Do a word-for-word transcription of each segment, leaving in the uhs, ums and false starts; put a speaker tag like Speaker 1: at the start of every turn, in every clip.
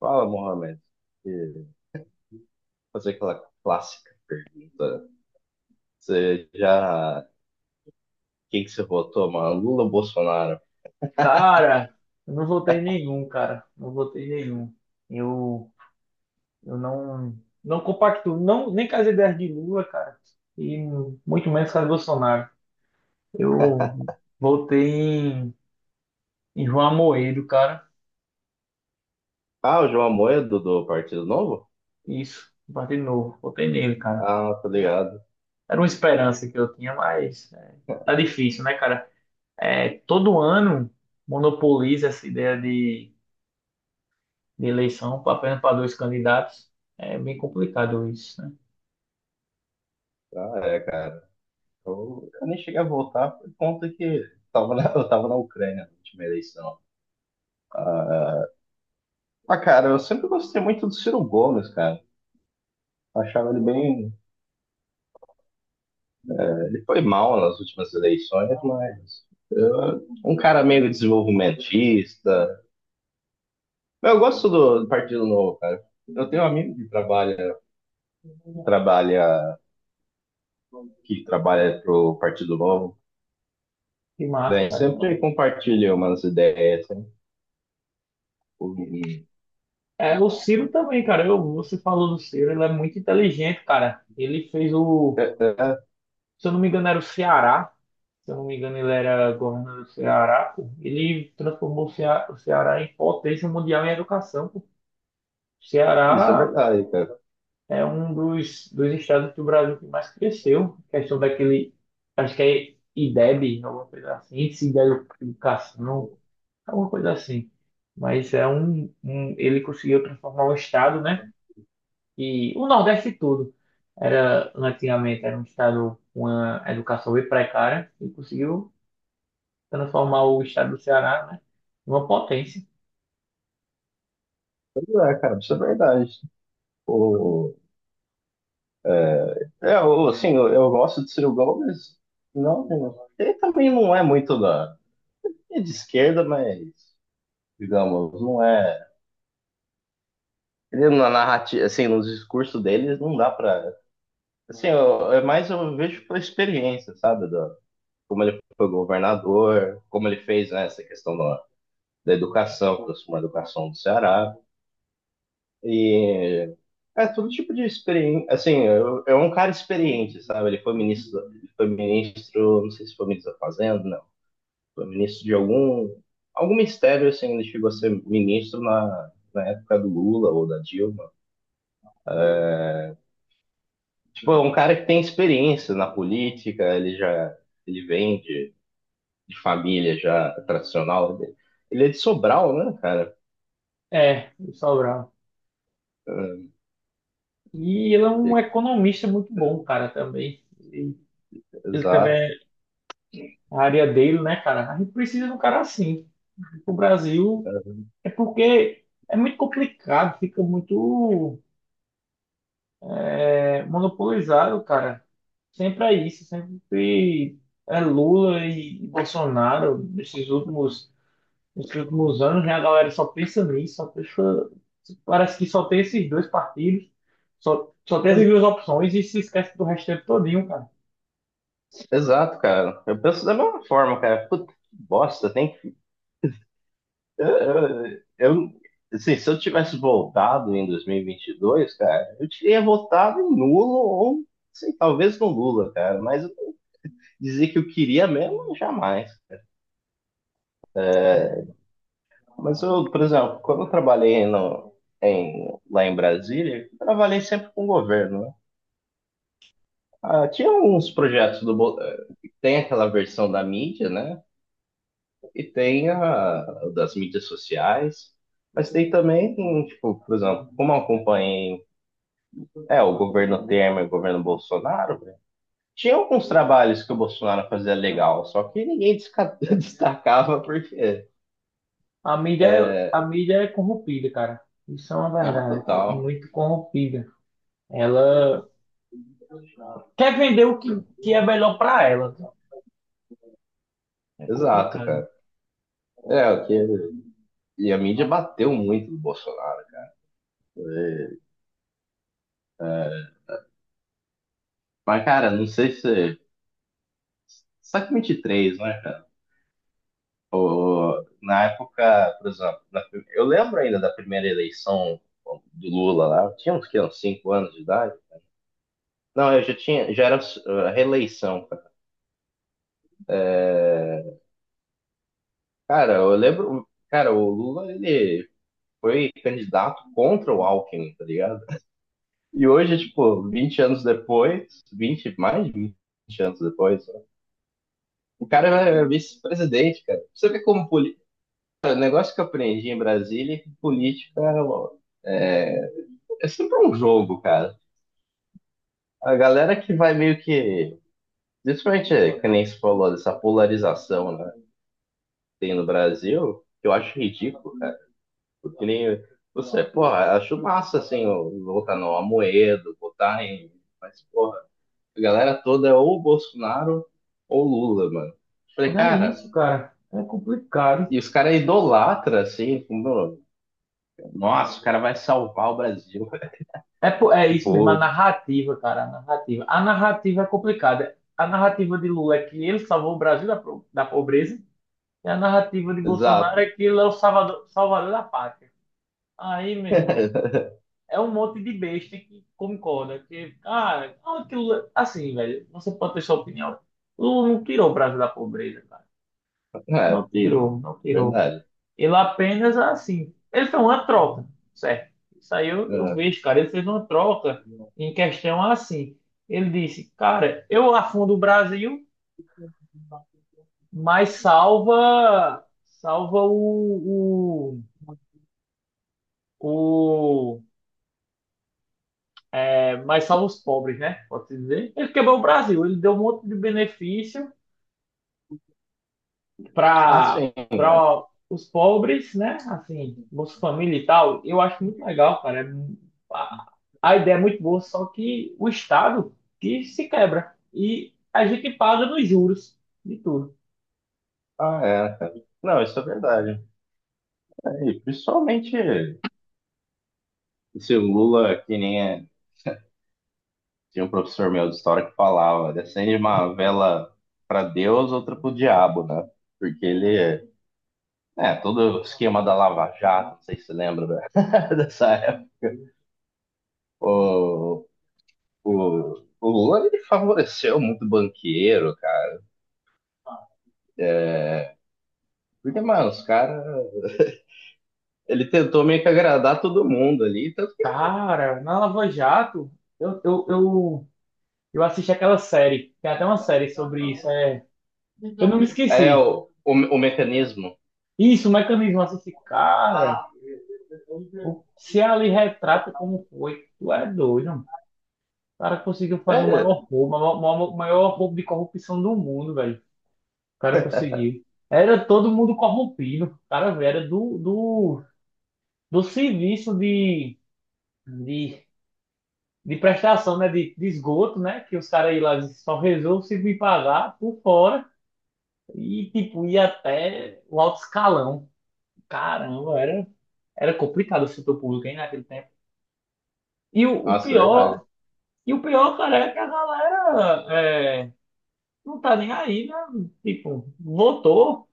Speaker 1: Fala, Mohamed. E Fazer aquela clássica pergunta. Você já. Quem que você votou, mano? Lula ou Bolsonaro?
Speaker 2: Cara, eu não votei em nenhum, cara. Não votei em nenhum. Eu, eu não, não compacto, não, nem com as ideias de Lula, cara, e muito menos com as Bolsonaro. Eu votei em, em João Amoedo, cara.
Speaker 1: Ah, o João Amoedo do Partido Novo?
Speaker 2: Isso, um partido novo. Votei nele, cara.
Speaker 1: Ah, tá ligado.
Speaker 2: Era uma esperança que eu tinha, mas é, tá difícil, né, cara? É, todo ano monopoliza essa ideia de, de eleição apenas para dois candidatos. É bem complicado isso, né?
Speaker 1: Ah, é, cara. Eu, eu nem cheguei a votar por conta que tava na, eu tava na Ucrânia na última eleição. Ah, mas, cara, eu sempre gostei muito do Ciro Gomes, cara. Achava ele bem. Ele foi mal nas últimas eleições, mas. Eu- um cara meio desenvolvimentista. Mas eu gosto do Partido Novo, cara. Eu tenho um amigo que trabalha, trabalha, que trabalha pro Partido Novo,
Speaker 2: Que massa,
Speaker 1: né?
Speaker 2: cara.
Speaker 1: Sempre compartilha umas ideias. sempre- e-
Speaker 2: É, o Ciro também, cara. Eu, você falou do Ciro, ele é muito inteligente, cara. Ele fez
Speaker 1: É,
Speaker 2: o,
Speaker 1: é,
Speaker 2: se eu não me engano, era o Ceará. Se eu não me engano, ele era governador do Ceará. Pô. Ele transformou o Cea- o Ceará em potência mundial em educação. Pô. O
Speaker 1: isso é
Speaker 2: Ceará
Speaker 1: verdade, cara.
Speaker 2: é um dos, dos estados do Brasil que mais cresceu. Questão daquele, acho que é IDEB, alguma coisa assim, Índice de Educação, alguma coisa assim. Mas é um, um ele conseguiu transformar o estado, né? E o Nordeste todo era né, antigamente era um estado com uma educação bem precária e conseguiu transformar o estado do Ceará, né, em uma potência.
Speaker 1: É, cara, isso é verdade. O, é, o, assim, eu, eu gosto de Ciro Gomes. Não, ele também não é muito da, é de esquerda, mas, digamos, não é. Ele, na narrativa, assim, nos discursos deles, não dá pra. Assim, eu, é mais eu vejo pela experiência, sabe? Do como ele foi governador, como ele fez, né, essa questão da, da educação, aproximou a educação do Ceará. E é todo tipo de experiência. Assim, eu- é um cara experiente, sabe? Ele foi ministro, ele foi ministro, não sei se foi ministro da Fazenda, não. Foi ministro de algum, algum ministério, assim, ele chegou a ser ministro na, na época do Lula ou da Dilma. Tipo, é um cara que tem experiência na política, ele já, ele vende de família já tradicional. Ele é de Sobral, né, cara?
Speaker 2: É, o Sobral. E ele é um economista muito bom, cara, também. E ele também
Speaker 1: Exato.
Speaker 2: é a área dele, né, cara? A gente precisa de um cara assim. O Brasil é porque é muito complicado, fica muito é, monopolizaram, cara. Sempre é isso, sempre é Lula e Bolsonaro. Nesses últimos, nesses últimos anos, né, a galera só pensa nisso, só pensa, parece que só tem esses dois partidos, só, só tem essas duas opções e se esquece do restante todinho, cara.
Speaker 1: Exato, cara. Eu penso da mesma forma, cara. Puta que bosta, tem que. Eu, eu, eu- assim, se eu tivesse voltado em dois mil e e vinte e dois cara, eu teria votado em nulo ou, sei, talvez no Lula, cara. Mas eu dizer que eu queria mesmo, jamais.
Speaker 2: É,
Speaker 1: Mas eu, por exemplo, quando eu trabalhei no, em, lá em Brasília, eu trabalhei sempre com o governo, né? Ah, tinha uns projetos do. Bo- eh, Tem aquela versão da mídia, né? E tem a das mídias sociais. Mas tem também, tipo, por exemplo, como eu acompanhei, é, o governo Temer, o governo Bolsonaro, né? Tinha alguns trabalhos que o Bolsonaro fazia legal, só que ninguém desca- destacava porque.
Speaker 2: a mídia, a mídia é corrompida, cara. Isso é uma
Speaker 1: Ah,
Speaker 2: verdade, é co-
Speaker 1: total.
Speaker 2: muito corrompida. Ela quer vender o que, que é melhor pra ela, né? É
Speaker 1: Exato,
Speaker 2: complicado.
Speaker 1: cara. É, o que. E a mídia bateu muito no Bolsonaro, né? Mas, cara, não sei se um dois três, né, cara? O- na época, por exemplo, na prim- eu lembro ainda da primeira eleição do Lula lá, eu tinha uns, que, uns cinco anos de idade. Não, eu já tinha, já era uh, reeleição, cara. Eu lembro, cara, o Lula, ele foi candidato contra o Alckmin, tá ligado? E hoje, tipo, vinte anos depois, vinte, mais de vinte anos depois, né, o cara é vice-presidente, cara. Você vê como política, o negócio que eu aprendi em Brasília é que política ó, é sempre um jogo, cara. A galera que vai meio que. Principalmente, é, que nem se falou, dessa polarização, né? Que tem no Brasil, que eu acho ridículo, cara. Porque nem. Você, porra, acho massa, assim, o- votar no Amoedo, votar em. Mas, porra, a galera toda é ou Bolsonaro ou Lula, mano. Eu falei,
Speaker 2: Não é
Speaker 1: cara,
Speaker 2: isso, cara. É complicado.
Speaker 1: e os caras idolatram, assim, como, nossa, o cara vai salvar o Brasil.
Speaker 2: É, po- é isso mesmo, a
Speaker 1: Tipo,
Speaker 2: narrativa, cara. A narrativa. A narrativa é complicada. A narrativa de Lula é que ele salvou o Brasil da, pro- da pobreza. E a narrativa de Bolsonaro é
Speaker 1: exato.
Speaker 2: que ele é o salvador, salvador da pátria. Aí, meu irmão, é um monte de besta que concorda. Que, cara, ah, que Lula. Assim, velho, você pode ter sua opinião. Lula não tirou o Brasil da pobreza, cara.
Speaker 1: É,
Speaker 2: Não tirou, não tirou.
Speaker 1: verdade.
Speaker 2: Ele apenas, assim, ele fez uma troca, certo? Isso aí eu, eu vejo, cara. Ele fez uma troca
Speaker 1: É.
Speaker 2: em questão assim. Ele disse, cara, eu afundo o Brasil, mas salva, salva o, o, o- é, mas salva os pobres, né? Pode-se dizer. Ele quebrou o Brasil, ele deu um monte de benefício
Speaker 1: Ah,
Speaker 2: para
Speaker 1: sim. É.
Speaker 2: para os pobres, né? Assim, Bolsa Família e tal, eu acho muito legal, cara. É mu- A, a ideia é muito boa, só que o Estado que se quebra e a gente paga nos juros de tudo.
Speaker 1: Ah, é. Não, isso é verdade. É, e principalmente esse Lula, que nem é- tinha um professor meu de história que falava, acende uma vela para Deus, outra pro diabo, né? Porque ele, é, todo o esquema da Lava Jato, não sei se você lembra da- dessa época. O, o, o Lula, ele favoreceu muito banqueiro, cara. Porque, mano, os caras, ele tentou meio que agradar todo mundo ali, tanto que
Speaker 2: Cara, na Lava Jato, eu, eu, eu, eu assisti aquela série, tem até uma série sobre isso, é, eu não me
Speaker 1: é
Speaker 2: esqueci.
Speaker 1: o, o, o mecanismo.
Speaker 2: Isso, o mecanismo assisti, cara,
Speaker 1: Ah,
Speaker 2: o, se ali retrata como foi, tu é doido. O cara conseguiu fazer o
Speaker 1: é,
Speaker 2: maior roubo, o maior, o maior roubo de corrupção do mundo, velho. O cara conseguiu. Era todo mundo corrompido. O cara, velho, era do, do, do serviço de, de, de prestação, né? De, de esgoto, né? Que os caras aí lá só resolvem se me pagar por fora. E, tipo, ia até o alto escalão. Caramba, era, era complicado o setor público, hein, naquele tempo. E o, o
Speaker 1: nossa, é
Speaker 2: pior,
Speaker 1: verdade.
Speaker 2: e o pior, cara, é que a galera, é, não tá nem aí, né? Tipo, votou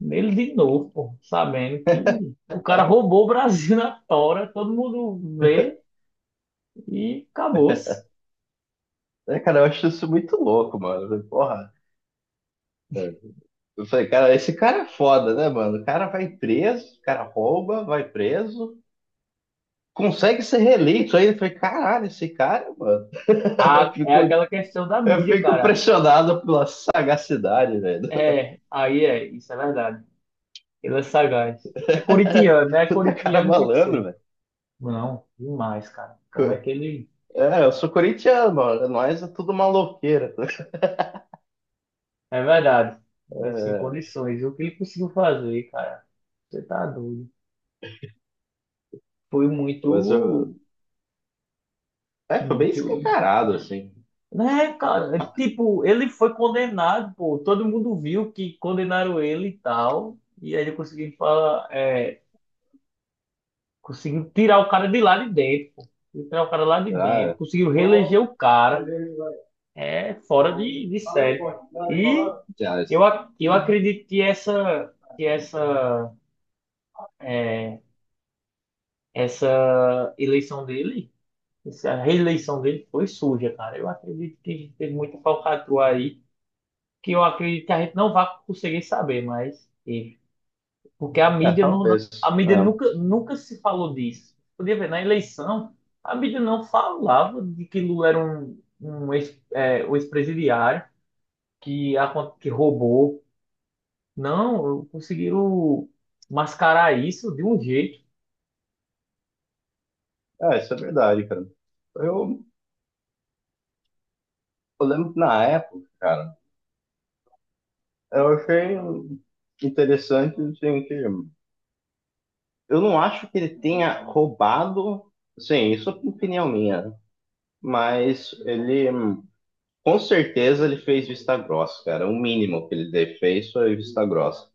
Speaker 2: nele de novo, pô, sabendo que o cara roubou o Brasil na tora, todo mundo vê e acabou-se.
Speaker 1: É, cara, eu acho isso muito louco, mano. Eu falei, porra. Eu falei, cara, esse cara é foda, né, mano? O cara vai preso, o cara rouba, vai preso, consegue ser reeleito. Aí eu falei, caralho, esse cara, mano. Eu
Speaker 2: Ah, é
Speaker 1: fico,
Speaker 2: aquela questão da
Speaker 1: eu
Speaker 2: mídia,
Speaker 1: fico
Speaker 2: cara.
Speaker 1: impressionado pela sagacidade, velho.
Speaker 2: É, aí é, isso é verdade. Ele é sagaz. É corintiano, né?
Speaker 1: Puta cara
Speaker 2: Corintiano tem que
Speaker 1: malandro,
Speaker 2: ser.
Speaker 1: velho.
Speaker 2: Não, demais, cara. Como é que ele.
Speaker 1: É, eu sou corintiano, mano. Nós é tudo maloqueira.
Speaker 2: É verdade. É, sem
Speaker 1: É,
Speaker 2: condições. E o que ele conseguiu fazer, cara? Você tá doido. Foi
Speaker 1: mas eu.
Speaker 2: muito,
Speaker 1: É, foi bem
Speaker 2: muito.
Speaker 1: escancarado, assim.
Speaker 2: Né, cara? Tipo, ele foi condenado, pô. Todo mundo viu que condenaram ele e tal. E aí ele conseguiu falar, é, conseguiu tirar o cara de lá de dentro, pô. Conseguiu tirar o cara lá de dentro,
Speaker 1: Ah,
Speaker 2: conseguiu reeleger o cara. É fora de, de série. E
Speaker 1: já.
Speaker 2: eu, ac- eu acredito que essa, que essa, é, essa eleição dele, essa reeleição dele foi suja, cara. Eu acredito que teve muita falcatrua aí que eu acredito que a gente não vai conseguir saber, mas teve. Porque a
Speaker 1: É,
Speaker 2: mídia não, não- a
Speaker 1: talvez.
Speaker 2: mídia nunca, nunca se falou disso. Podia ver, na eleição, a mídia não falava de que Lula era um, um ex, é, um ex-presidiário que, acon- que roubou. Não, conseguiram mascarar isso de um jeito.
Speaker 1: É, é, isso é verdade, cara. Eu, eu lembro que na época, cara, eu achei interessante, assim, que eu não acho que ele tenha roubado, sim, isso é opinião minha, mas ele, hum, com certeza, ele fez vista grossa, cara. O mínimo que ele de- fez foi vista grossa.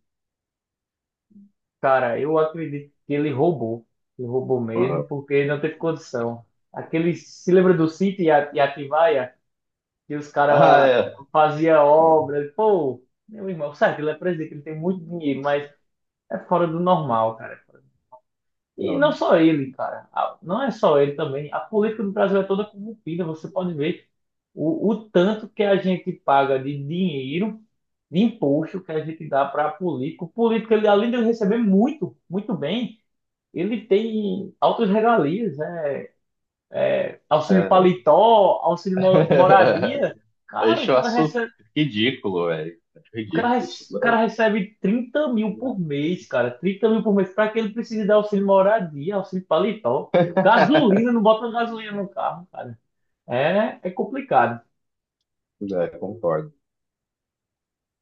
Speaker 2: Cara, eu acredito que ele roubou. Ele roubou mesmo,
Speaker 1: Uhum.
Speaker 2: porque não teve condição. Aquele, se lembra do sítio e a e Atibaia? E os
Speaker 1: Ah,
Speaker 2: caras
Speaker 1: é.
Speaker 2: faziam obra. Pô, meu irmão, certo, ele é presidente, ele tem muito dinheiro, mas é fora do normal, cara. é fora- E não
Speaker 1: Não,
Speaker 2: só ele, cara. A- Não é só ele também. A política do Brasil é toda corrompida, você pode ver o, o tanto que a gente paga de dinheiro, de imposto que a gente dá para político. O político, ele, além de receber muito, muito bem, ele tem altas regalias, né? Auxílio
Speaker 1: é.
Speaker 2: paletó, auxílio mo- moradia. Cara, o
Speaker 1: Deixa. Eu
Speaker 2: cara
Speaker 1: acho
Speaker 2: recebe.
Speaker 1: ridículo, velho. Acho
Speaker 2: O cara,
Speaker 1: ridículo isso
Speaker 2: rece- o
Speaker 1: no
Speaker 2: cara
Speaker 1: Brasil.
Speaker 2: recebe trinta mil por mês, cara. Trinta mil por mês. Para que ele precise dar auxílio moradia, auxílio paletó? Gasolina, não bota gasolina no carro, cara. É, é complicado.
Speaker 1: É, concordo.